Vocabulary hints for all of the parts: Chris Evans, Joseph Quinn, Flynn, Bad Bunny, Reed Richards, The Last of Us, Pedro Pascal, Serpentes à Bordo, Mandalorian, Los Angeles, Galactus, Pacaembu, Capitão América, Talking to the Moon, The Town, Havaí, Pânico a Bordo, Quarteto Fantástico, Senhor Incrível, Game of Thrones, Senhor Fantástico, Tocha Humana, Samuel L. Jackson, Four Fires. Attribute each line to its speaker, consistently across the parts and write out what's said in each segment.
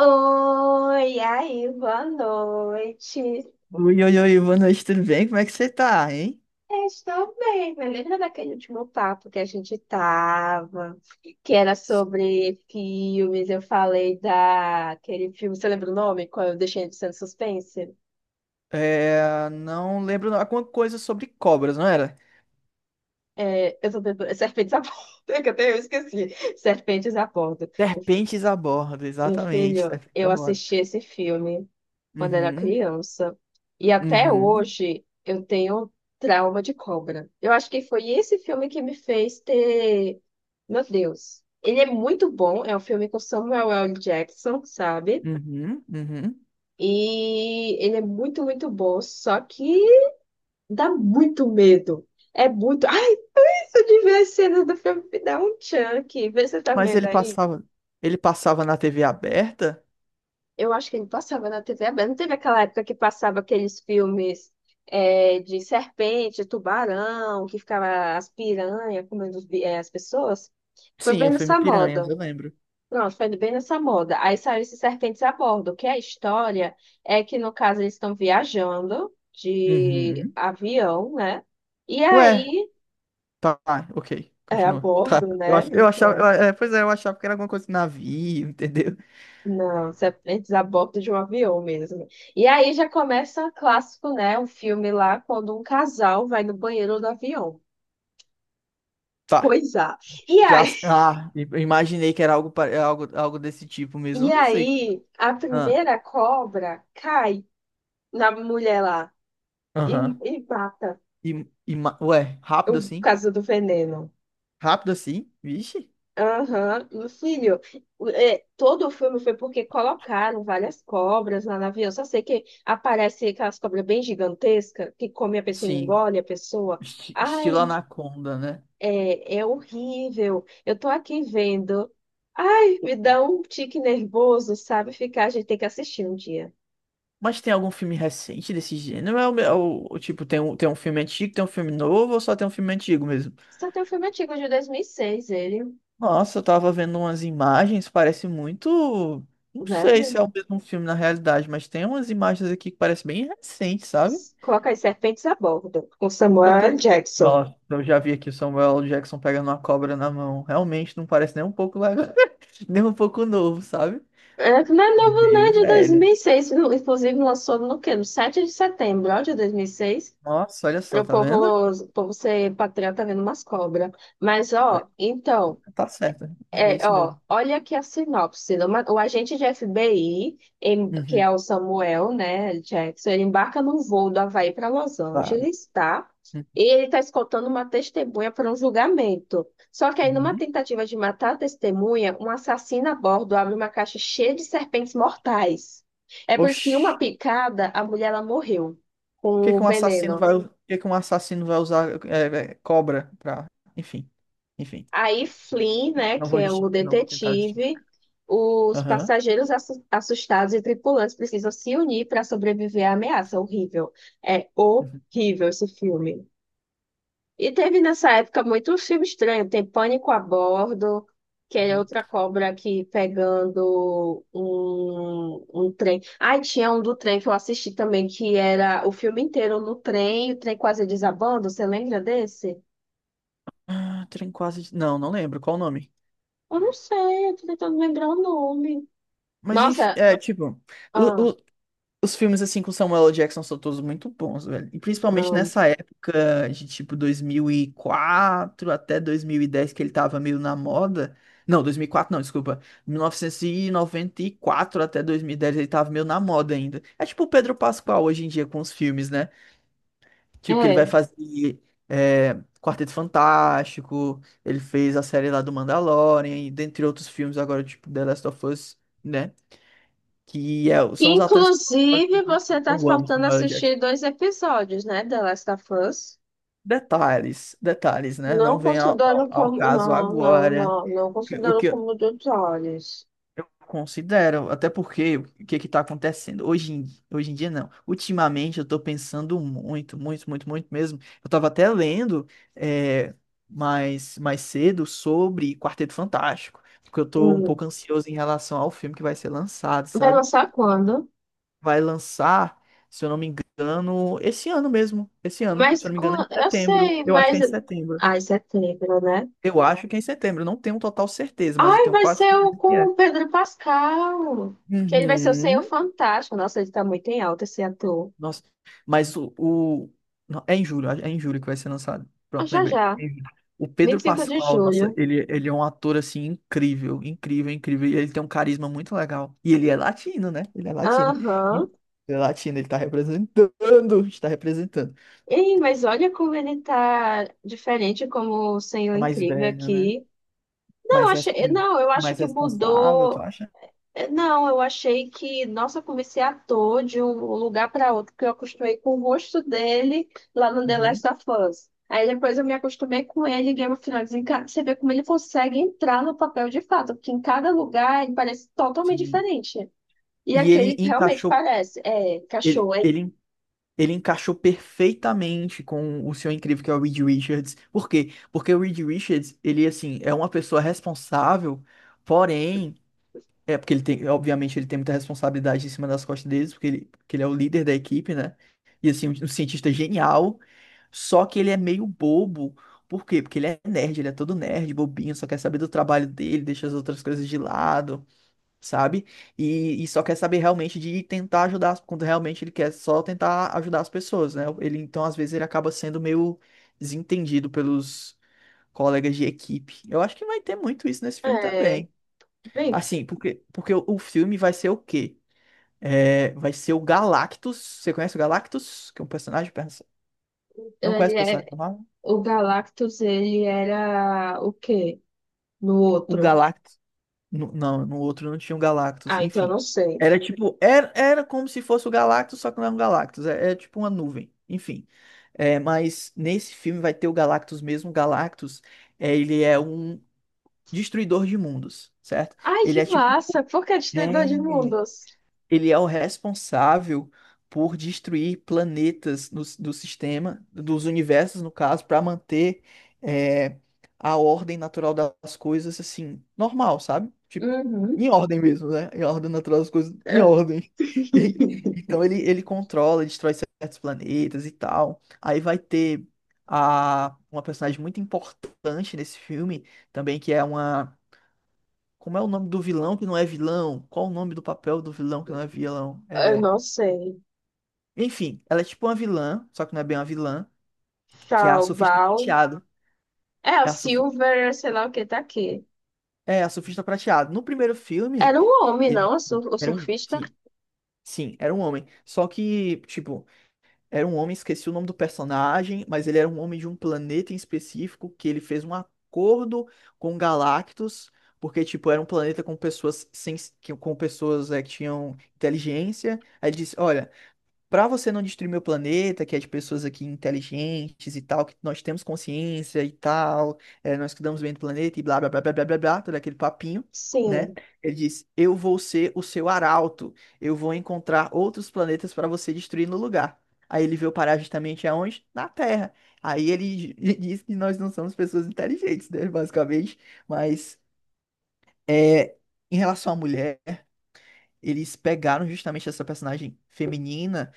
Speaker 1: Oi, aí, boa noite.
Speaker 2: Oi, boa noite, tudo bem? Como é que você tá, hein?
Speaker 1: Eu estou bem, mas lembra daquele último papo que a gente tava, que era sobre filmes? Eu falei daquele filme, você lembra o nome? Qual eu deixei de ser suspense?
Speaker 2: Não lembro não, alguma coisa sobre cobras, não era?
Speaker 1: É, Serpentes à Bordo, que até eu esqueci. Serpentes à Bordo.
Speaker 2: Serpentes a bordo,
Speaker 1: Meu
Speaker 2: exatamente,
Speaker 1: filho,
Speaker 2: serpentes a
Speaker 1: eu
Speaker 2: bordo.
Speaker 1: assisti esse filme quando era
Speaker 2: Uhum,
Speaker 1: criança. E até
Speaker 2: uhum,
Speaker 1: hoje eu tenho trauma de cobra. Eu acho que foi esse filme que me fez ter. Meu Deus. Ele é muito bom. É um filme com Samuel L. Jackson, sabe?
Speaker 2: uhum.
Speaker 1: E ele é muito, muito bom. Só que dá muito medo. É muito. Ai, se eu tiver a cena do filme, me dá um chunk. Vê se você tá
Speaker 2: Mas
Speaker 1: vendo aí.
Speaker 2: ele passava na TV aberta?
Speaker 1: Eu acho que ele passava na TV aberta. Não teve aquela época que passava aqueles filmes é, de serpente, tubarão, que ficava as piranhas comendo as pessoas? Foi
Speaker 2: Sim,
Speaker 1: bem
Speaker 2: o filme
Speaker 1: nessa
Speaker 2: Piranhas,
Speaker 1: moda.
Speaker 2: eu lembro.
Speaker 1: Pronto, foi bem nessa moda. Aí saiu esses serpentes a bordo, que a história é que, no caso, eles estão viajando de
Speaker 2: Uhum.
Speaker 1: avião, né? E
Speaker 2: Ué,
Speaker 1: aí,
Speaker 2: tá, ok,
Speaker 1: é a
Speaker 2: continua. Tá,
Speaker 1: bordo, né?
Speaker 2: eu achava,
Speaker 1: Então.
Speaker 2: eu achava que era alguma coisa de navio, entendeu?
Speaker 1: Não, você aprende a bordo de um avião mesmo. E aí já começa o clássico, né? Um filme lá quando um casal vai no banheiro do avião.
Speaker 2: Tá.
Speaker 1: Coisa. E
Speaker 2: Já,
Speaker 1: aí,
Speaker 2: ah, imaginei que era algo, algo desse tipo mesmo. Eu
Speaker 1: e
Speaker 2: não sei.
Speaker 1: aí a
Speaker 2: Ah,
Speaker 1: primeira cobra cai na mulher lá e,
Speaker 2: aham.
Speaker 1: e mata
Speaker 2: E, ué, rápido
Speaker 1: o
Speaker 2: assim?
Speaker 1: caso do veneno.
Speaker 2: Rápido assim? Vixe.
Speaker 1: Aham, meu filho. É, todo o filme foi porque colocaram várias cobras lá no avião. Só sei que aparece aquelas cobras bem gigantescas que come a pessoa, e
Speaker 2: Sim.
Speaker 1: engole a pessoa.
Speaker 2: Estilo
Speaker 1: Ai,
Speaker 2: Anaconda, né?
Speaker 1: é horrível. Eu tô aqui vendo. Ai, me dá um tique nervoso, sabe? Ficar, a gente tem que assistir um dia.
Speaker 2: Mas tem algum filme recente desse gênero? É o tipo, tem um filme antigo, tem um filme novo ou só tem um filme antigo mesmo?
Speaker 1: Só tem um filme antigo de 2006, ele,
Speaker 2: Nossa, eu tava vendo umas imagens, parece muito. Não sei se
Speaker 1: velho.
Speaker 2: é o mesmo filme na realidade, mas tem umas imagens aqui que parece bem recente, sabe?
Speaker 1: Coloca as serpentes a bordo, com
Speaker 2: Eu
Speaker 1: Samuel L.
Speaker 2: tô.
Speaker 1: Jackson.
Speaker 2: Nossa, eu já vi aqui o Samuel Jackson pegando uma cobra na mão. Realmente não parece nem um pouco legal, nem um pouco novo, sabe?
Speaker 1: É, não é novo,
Speaker 2: Meio
Speaker 1: né? De
Speaker 2: velho.
Speaker 1: 2006. Inclusive, lançou no quê? No 7 de setembro, ó, de 2006.
Speaker 2: Nossa, olha
Speaker 1: Para
Speaker 2: só,
Speaker 1: o
Speaker 2: tá
Speaker 1: povo,
Speaker 2: vendo?
Speaker 1: o povo ser patriota vendo umas cobras. Mas,
Speaker 2: É,
Speaker 1: ó, então.
Speaker 2: tá certo, é
Speaker 1: É,
Speaker 2: isso
Speaker 1: ó,
Speaker 2: mesmo.
Speaker 1: olha aqui a sinopse. O agente de FBI, que é
Speaker 2: Uhum,
Speaker 1: o Samuel, né, Jackson, ele embarca num voo do Havaí para Los
Speaker 2: claro.
Speaker 1: Angeles, tá? E ele está escoltando uma testemunha para um julgamento. Só que aí, numa
Speaker 2: Uhum.
Speaker 1: tentativa de matar a testemunha, um assassino a bordo abre uma caixa cheia de serpentes mortais. É por isso que, em uma
Speaker 2: Oxi,
Speaker 1: picada, a mulher ela morreu com o veneno.
Speaker 2: por que que um assassino vai usar cobra pra. Enfim, enfim.
Speaker 1: Aí Flynn, né, que é o
Speaker 2: Não vou tentar
Speaker 1: detetive,
Speaker 2: justificar.
Speaker 1: os
Speaker 2: Aham.
Speaker 1: passageiros assustados e tripulantes precisam se unir para sobreviver à ameaça. Horrível. É
Speaker 2: Uhum.
Speaker 1: horrível esse filme. E teve nessa época muito filme estranho. Tem Pânico a Bordo, que é
Speaker 2: Uhum.
Speaker 1: outra cobra aqui pegando um trem. Ai, tinha um do trem que eu assisti também, que era o filme inteiro no trem, o trem quase desabando. Você lembra desse?
Speaker 2: Ah, trem quase. Não, não lembro qual o nome.
Speaker 1: Eu não sei, eu tô tentando lembrar o nome.
Speaker 2: Mas enfim,
Speaker 1: Nossa,
Speaker 2: é tipo.
Speaker 1: ah,
Speaker 2: O, os filmes, assim, com Samuel L. Jackson são todos muito bons, velho. E principalmente
Speaker 1: não.
Speaker 2: nessa época de, tipo, 2004 até 2010, que ele tava meio na moda. Não, 2004 não, desculpa. 1994 até 2010 ele tava meio na moda ainda. É tipo o Pedro Pascal hoje em dia com os filmes, né? Tipo, que ele vai
Speaker 1: É.
Speaker 2: fazer é, Quarteto Fantástico, ele fez a série lá do Mandalorian, e dentre outros filmes agora, tipo, The Last of Us, né?
Speaker 1: Que
Speaker 2: São os atores que
Speaker 1: inclusive você tá
Speaker 2: eu amo
Speaker 1: faltando
Speaker 2: Samuel L. Jackson.
Speaker 1: assistir dois episódios, né, The Last of Us?
Speaker 2: Detalhes, detalhes, né? Não
Speaker 1: Não
Speaker 2: vem
Speaker 1: considerando
Speaker 2: ao
Speaker 1: como.
Speaker 2: caso
Speaker 1: Não, não,
Speaker 2: agora.
Speaker 1: não, não
Speaker 2: O que
Speaker 1: considerando como dos olhos.
Speaker 2: eu considero, até porque o que é que tá acontecendo? Hoje em dia, não. Ultimamente, eu tô pensando muito, muito, muito, muito mesmo. Eu tava até lendo é, mais cedo sobre Quarteto Fantástico, porque eu tô um
Speaker 1: Hum.
Speaker 2: pouco ansioso em relação ao filme que vai ser lançado,
Speaker 1: Vai
Speaker 2: sabe?
Speaker 1: lançar quando?
Speaker 2: Vai lançar, se eu não me engano, esse ano mesmo. Esse ano, se
Speaker 1: Mas
Speaker 2: eu não me engano, é em
Speaker 1: eu
Speaker 2: setembro.
Speaker 1: sei,
Speaker 2: Eu acho que
Speaker 1: mas.
Speaker 2: é em setembro.
Speaker 1: Ai, setembro, né?
Speaker 2: Eu não tenho total certeza, mas eu
Speaker 1: Ai,
Speaker 2: tenho
Speaker 1: vai
Speaker 2: quase
Speaker 1: ser o
Speaker 2: certeza que
Speaker 1: com o
Speaker 2: é.
Speaker 1: Pedro Pascal. Que ele vai ser o Senhor
Speaker 2: Uhum.
Speaker 1: Fantástico. Nossa, ele tá muito em alta esse ator.
Speaker 2: Nossa, mas não, é em julho que vai ser lançado.
Speaker 1: Ah,
Speaker 2: Pronto,
Speaker 1: já
Speaker 2: lembrei.
Speaker 1: já.
Speaker 2: É em julho. O Pedro
Speaker 1: 25 de
Speaker 2: Pascal, nossa,
Speaker 1: julho.
Speaker 2: ele é um ator assim incrível, incrível, incrível. E ele tem um carisma muito legal. E ele é latino, né? Ele é latino. Ele
Speaker 1: Aham.
Speaker 2: é latino, ele tá representando, está representando.
Speaker 1: Ei, mas olha como ele tá diferente como o Senhor
Speaker 2: É mais
Speaker 1: Incrível
Speaker 2: velho, né?
Speaker 1: aqui. Não, eu
Speaker 2: mais, res-
Speaker 1: achei, não, eu acho
Speaker 2: mais
Speaker 1: que
Speaker 2: responsável, tu
Speaker 1: mudou.
Speaker 2: acha?
Speaker 1: É, não, eu achei que, nossa, eu comecei a ator de um lugar para outro, porque eu acostumei com o rosto dele lá no The
Speaker 2: Uhum,
Speaker 1: Last of Us. Aí depois eu me acostumei com ele em Game of Thrones. Você vê como ele consegue entrar no papel de fato, porque em cada lugar ele parece totalmente
Speaker 2: sim.
Speaker 1: diferente. E
Speaker 2: E ele
Speaker 1: aquele realmente
Speaker 2: encaixou,
Speaker 1: parece, é,
Speaker 2: ele,
Speaker 1: cachorro, é,
Speaker 2: ele, ele encaixou perfeitamente com o seu incrível que é o Reed Richards. Por quê? Porque o Reed Richards, ele assim, é uma pessoa responsável, porém é, porque ele tem, obviamente, ele tem muita responsabilidade em cima das costas deles, porque ele é o líder da equipe, né? E assim, um cientista genial, só que ele é meio bobo. Por quê? Porque ele é nerd, ele é todo nerd, bobinho, só quer saber do trabalho dele, deixa as outras coisas de lado, sabe? E só quer saber realmente de tentar ajudar, quando realmente ele quer só tentar ajudar as pessoas, né? Ele, então, às vezes, ele acaba sendo meio desentendido pelos colegas de equipe. Eu acho que vai ter muito isso nesse filme
Speaker 1: é,
Speaker 2: também.
Speaker 1: bem.
Speaker 2: Assim, porque o filme vai ser o quê? É, vai ser o Galactus. Você conhece o Galactus? Que é um personagem. Não conhece o personagem normal?
Speaker 1: O Galactus, ele era o quê? No
Speaker 2: O
Speaker 1: outro?
Speaker 2: Galactus. Não, no outro não tinha o Galactus.
Speaker 1: Ah, então eu não
Speaker 2: Enfim.
Speaker 1: sei.
Speaker 2: Era tipo. Era como se fosse o Galactus, só que não é um Galactus. É, é tipo uma nuvem. Enfim. É, mas nesse filme vai ter o Galactus mesmo. O Galactus, é, ele é um destruidor de mundos, certo?
Speaker 1: Ai,
Speaker 2: Ele
Speaker 1: que
Speaker 2: é tipo.
Speaker 1: massa! Por que destruidor
Speaker 2: É.
Speaker 1: de mundos?
Speaker 2: Ele é o responsável por destruir planetas no, do sistema, dos universos, no caso, para manter é, a ordem natural das coisas, assim, normal, sabe? Tipo,
Speaker 1: Uhum.
Speaker 2: em ordem mesmo, né? Em ordem natural das coisas, em
Speaker 1: É,
Speaker 2: ordem. E- então ele controla, destrói certos planetas e tal. Aí vai ter uma personagem muito importante nesse filme também, que é uma como é o nome do vilão que não é vilão? Qual o nome do papel do vilão que não é vilão?
Speaker 1: eu
Speaker 2: É...
Speaker 1: não sei.
Speaker 2: Enfim, ela é tipo uma vilã, só que não é bem uma vilã, que é
Speaker 1: Tá,
Speaker 2: a
Speaker 1: o
Speaker 2: surfista
Speaker 1: Baal.
Speaker 2: prateado.
Speaker 1: É, o
Speaker 2: É a, surfi...
Speaker 1: Silver, sei lá o que tá aqui.
Speaker 2: é a surfista prateado. No primeiro filme,
Speaker 1: Era um homem,
Speaker 2: ele
Speaker 1: não? O
Speaker 2: era um...
Speaker 1: surfista?
Speaker 2: Sim, sim, era um homem. Só que, tipo, era um homem, esqueci o nome do personagem, mas ele era um homem de um planeta em específico que ele fez um acordo com Galactus. Porque, tipo, era um planeta com pessoas sem, que com pessoas é, que tinham inteligência. Aí ele disse, olha, para você não destruir meu planeta, que é de pessoas aqui inteligentes e tal, que nós temos consciência e tal, é, nós cuidamos bem do planeta e blá blá blá blá blá blá, blá, todo aquele papinho, né?
Speaker 1: Sim.
Speaker 2: Ele diz: eu vou ser o seu arauto, eu vou encontrar outros planetas para você destruir no lugar. Aí ele veio parar justamente aonde? Na Terra. Aí ele diz que nós não somos pessoas inteligentes, né? Basicamente. Mas é, em relação à mulher, eles pegaram justamente essa personagem feminina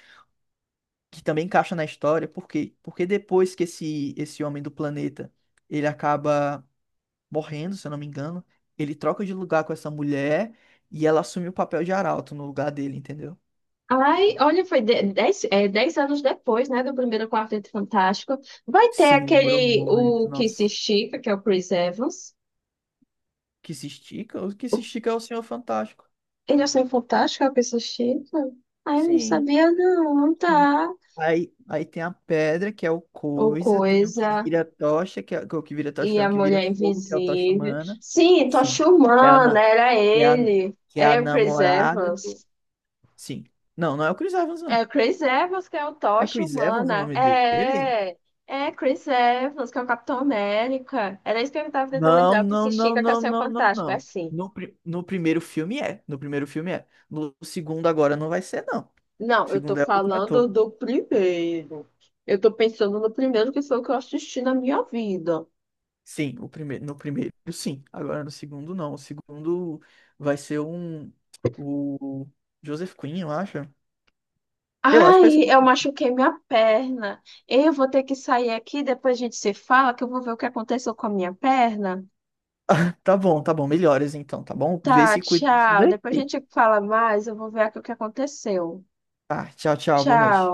Speaker 2: que também encaixa na história, por quê? Porque depois que esse homem do planeta, ele acaba morrendo, se eu não me engano, ele troca de lugar com essa mulher e ela assume o papel de arauto no lugar dele, entendeu?
Speaker 1: Ai, olha, foi dez anos depois, né, do primeiro Quarteto Fantástico. Vai ter
Speaker 2: Sim, demorou
Speaker 1: aquele,
Speaker 2: muito,
Speaker 1: o que se
Speaker 2: nossa.
Speaker 1: estica, que é o Chris Evans.
Speaker 2: Que se estica? O que se estica é o Senhor Fantástico.
Speaker 1: Ele achou fantástico, a pessoa chique. Ah, eu não
Speaker 2: Sim,
Speaker 1: sabia, não,
Speaker 2: sim.
Speaker 1: tá?
Speaker 2: Aí tem a pedra, que é o
Speaker 1: Ou
Speaker 2: coisa, tem o que
Speaker 1: coisa.
Speaker 2: vira tocha, que é o que vira
Speaker 1: E
Speaker 2: tocha, não,
Speaker 1: a
Speaker 2: o que vira
Speaker 1: mulher
Speaker 2: fogo, que é o tocha
Speaker 1: invisível.
Speaker 2: humana.
Speaker 1: Sim,
Speaker 2: Sim.
Speaker 1: Tocha
Speaker 2: Que é a,
Speaker 1: Humana,
Speaker 2: na-
Speaker 1: era
Speaker 2: que é
Speaker 1: ele.
Speaker 2: que é a
Speaker 1: É o Chris
Speaker 2: namorada do.
Speaker 1: Evans.
Speaker 2: Sim. Não, não é o Chris Evans,
Speaker 1: É
Speaker 2: não.
Speaker 1: o Chris Evans que é o
Speaker 2: É
Speaker 1: Tocha
Speaker 2: Chris Evans o
Speaker 1: Humana.
Speaker 2: nome dele?
Speaker 1: É Chris Evans, que é o Capitão América. Era isso que eu tava tentando lembrar, que se estica que é o Fantástico. É
Speaker 2: Não.
Speaker 1: assim.
Speaker 2: No primeiro filme é. No primeiro filme é. No segundo agora não vai ser, não. O
Speaker 1: Não, eu tô
Speaker 2: segundo é outro
Speaker 1: falando
Speaker 2: ator.
Speaker 1: do primeiro. Eu tô pensando no primeiro que foi o que eu assisti na minha vida.
Speaker 2: Sim, o primeiro, no primeiro sim. Agora no segundo não. O segundo vai ser um. O Joseph Quinn, eu acho. Eu acho que vai ser.
Speaker 1: Ai, eu machuquei minha perna. Eu vou ter que sair aqui, depois a gente se fala, que eu vou ver o que aconteceu com a minha perna.
Speaker 2: Tá bom, tá bom. Melhoras então, tá bom? Vê
Speaker 1: Tá,
Speaker 2: se cuida disso
Speaker 1: tchau.
Speaker 2: daí.
Speaker 1: Depois a gente fala mais, eu vou ver aqui o que aconteceu.
Speaker 2: Tá, tchau, tchau. Boa
Speaker 1: Tchau.
Speaker 2: noite.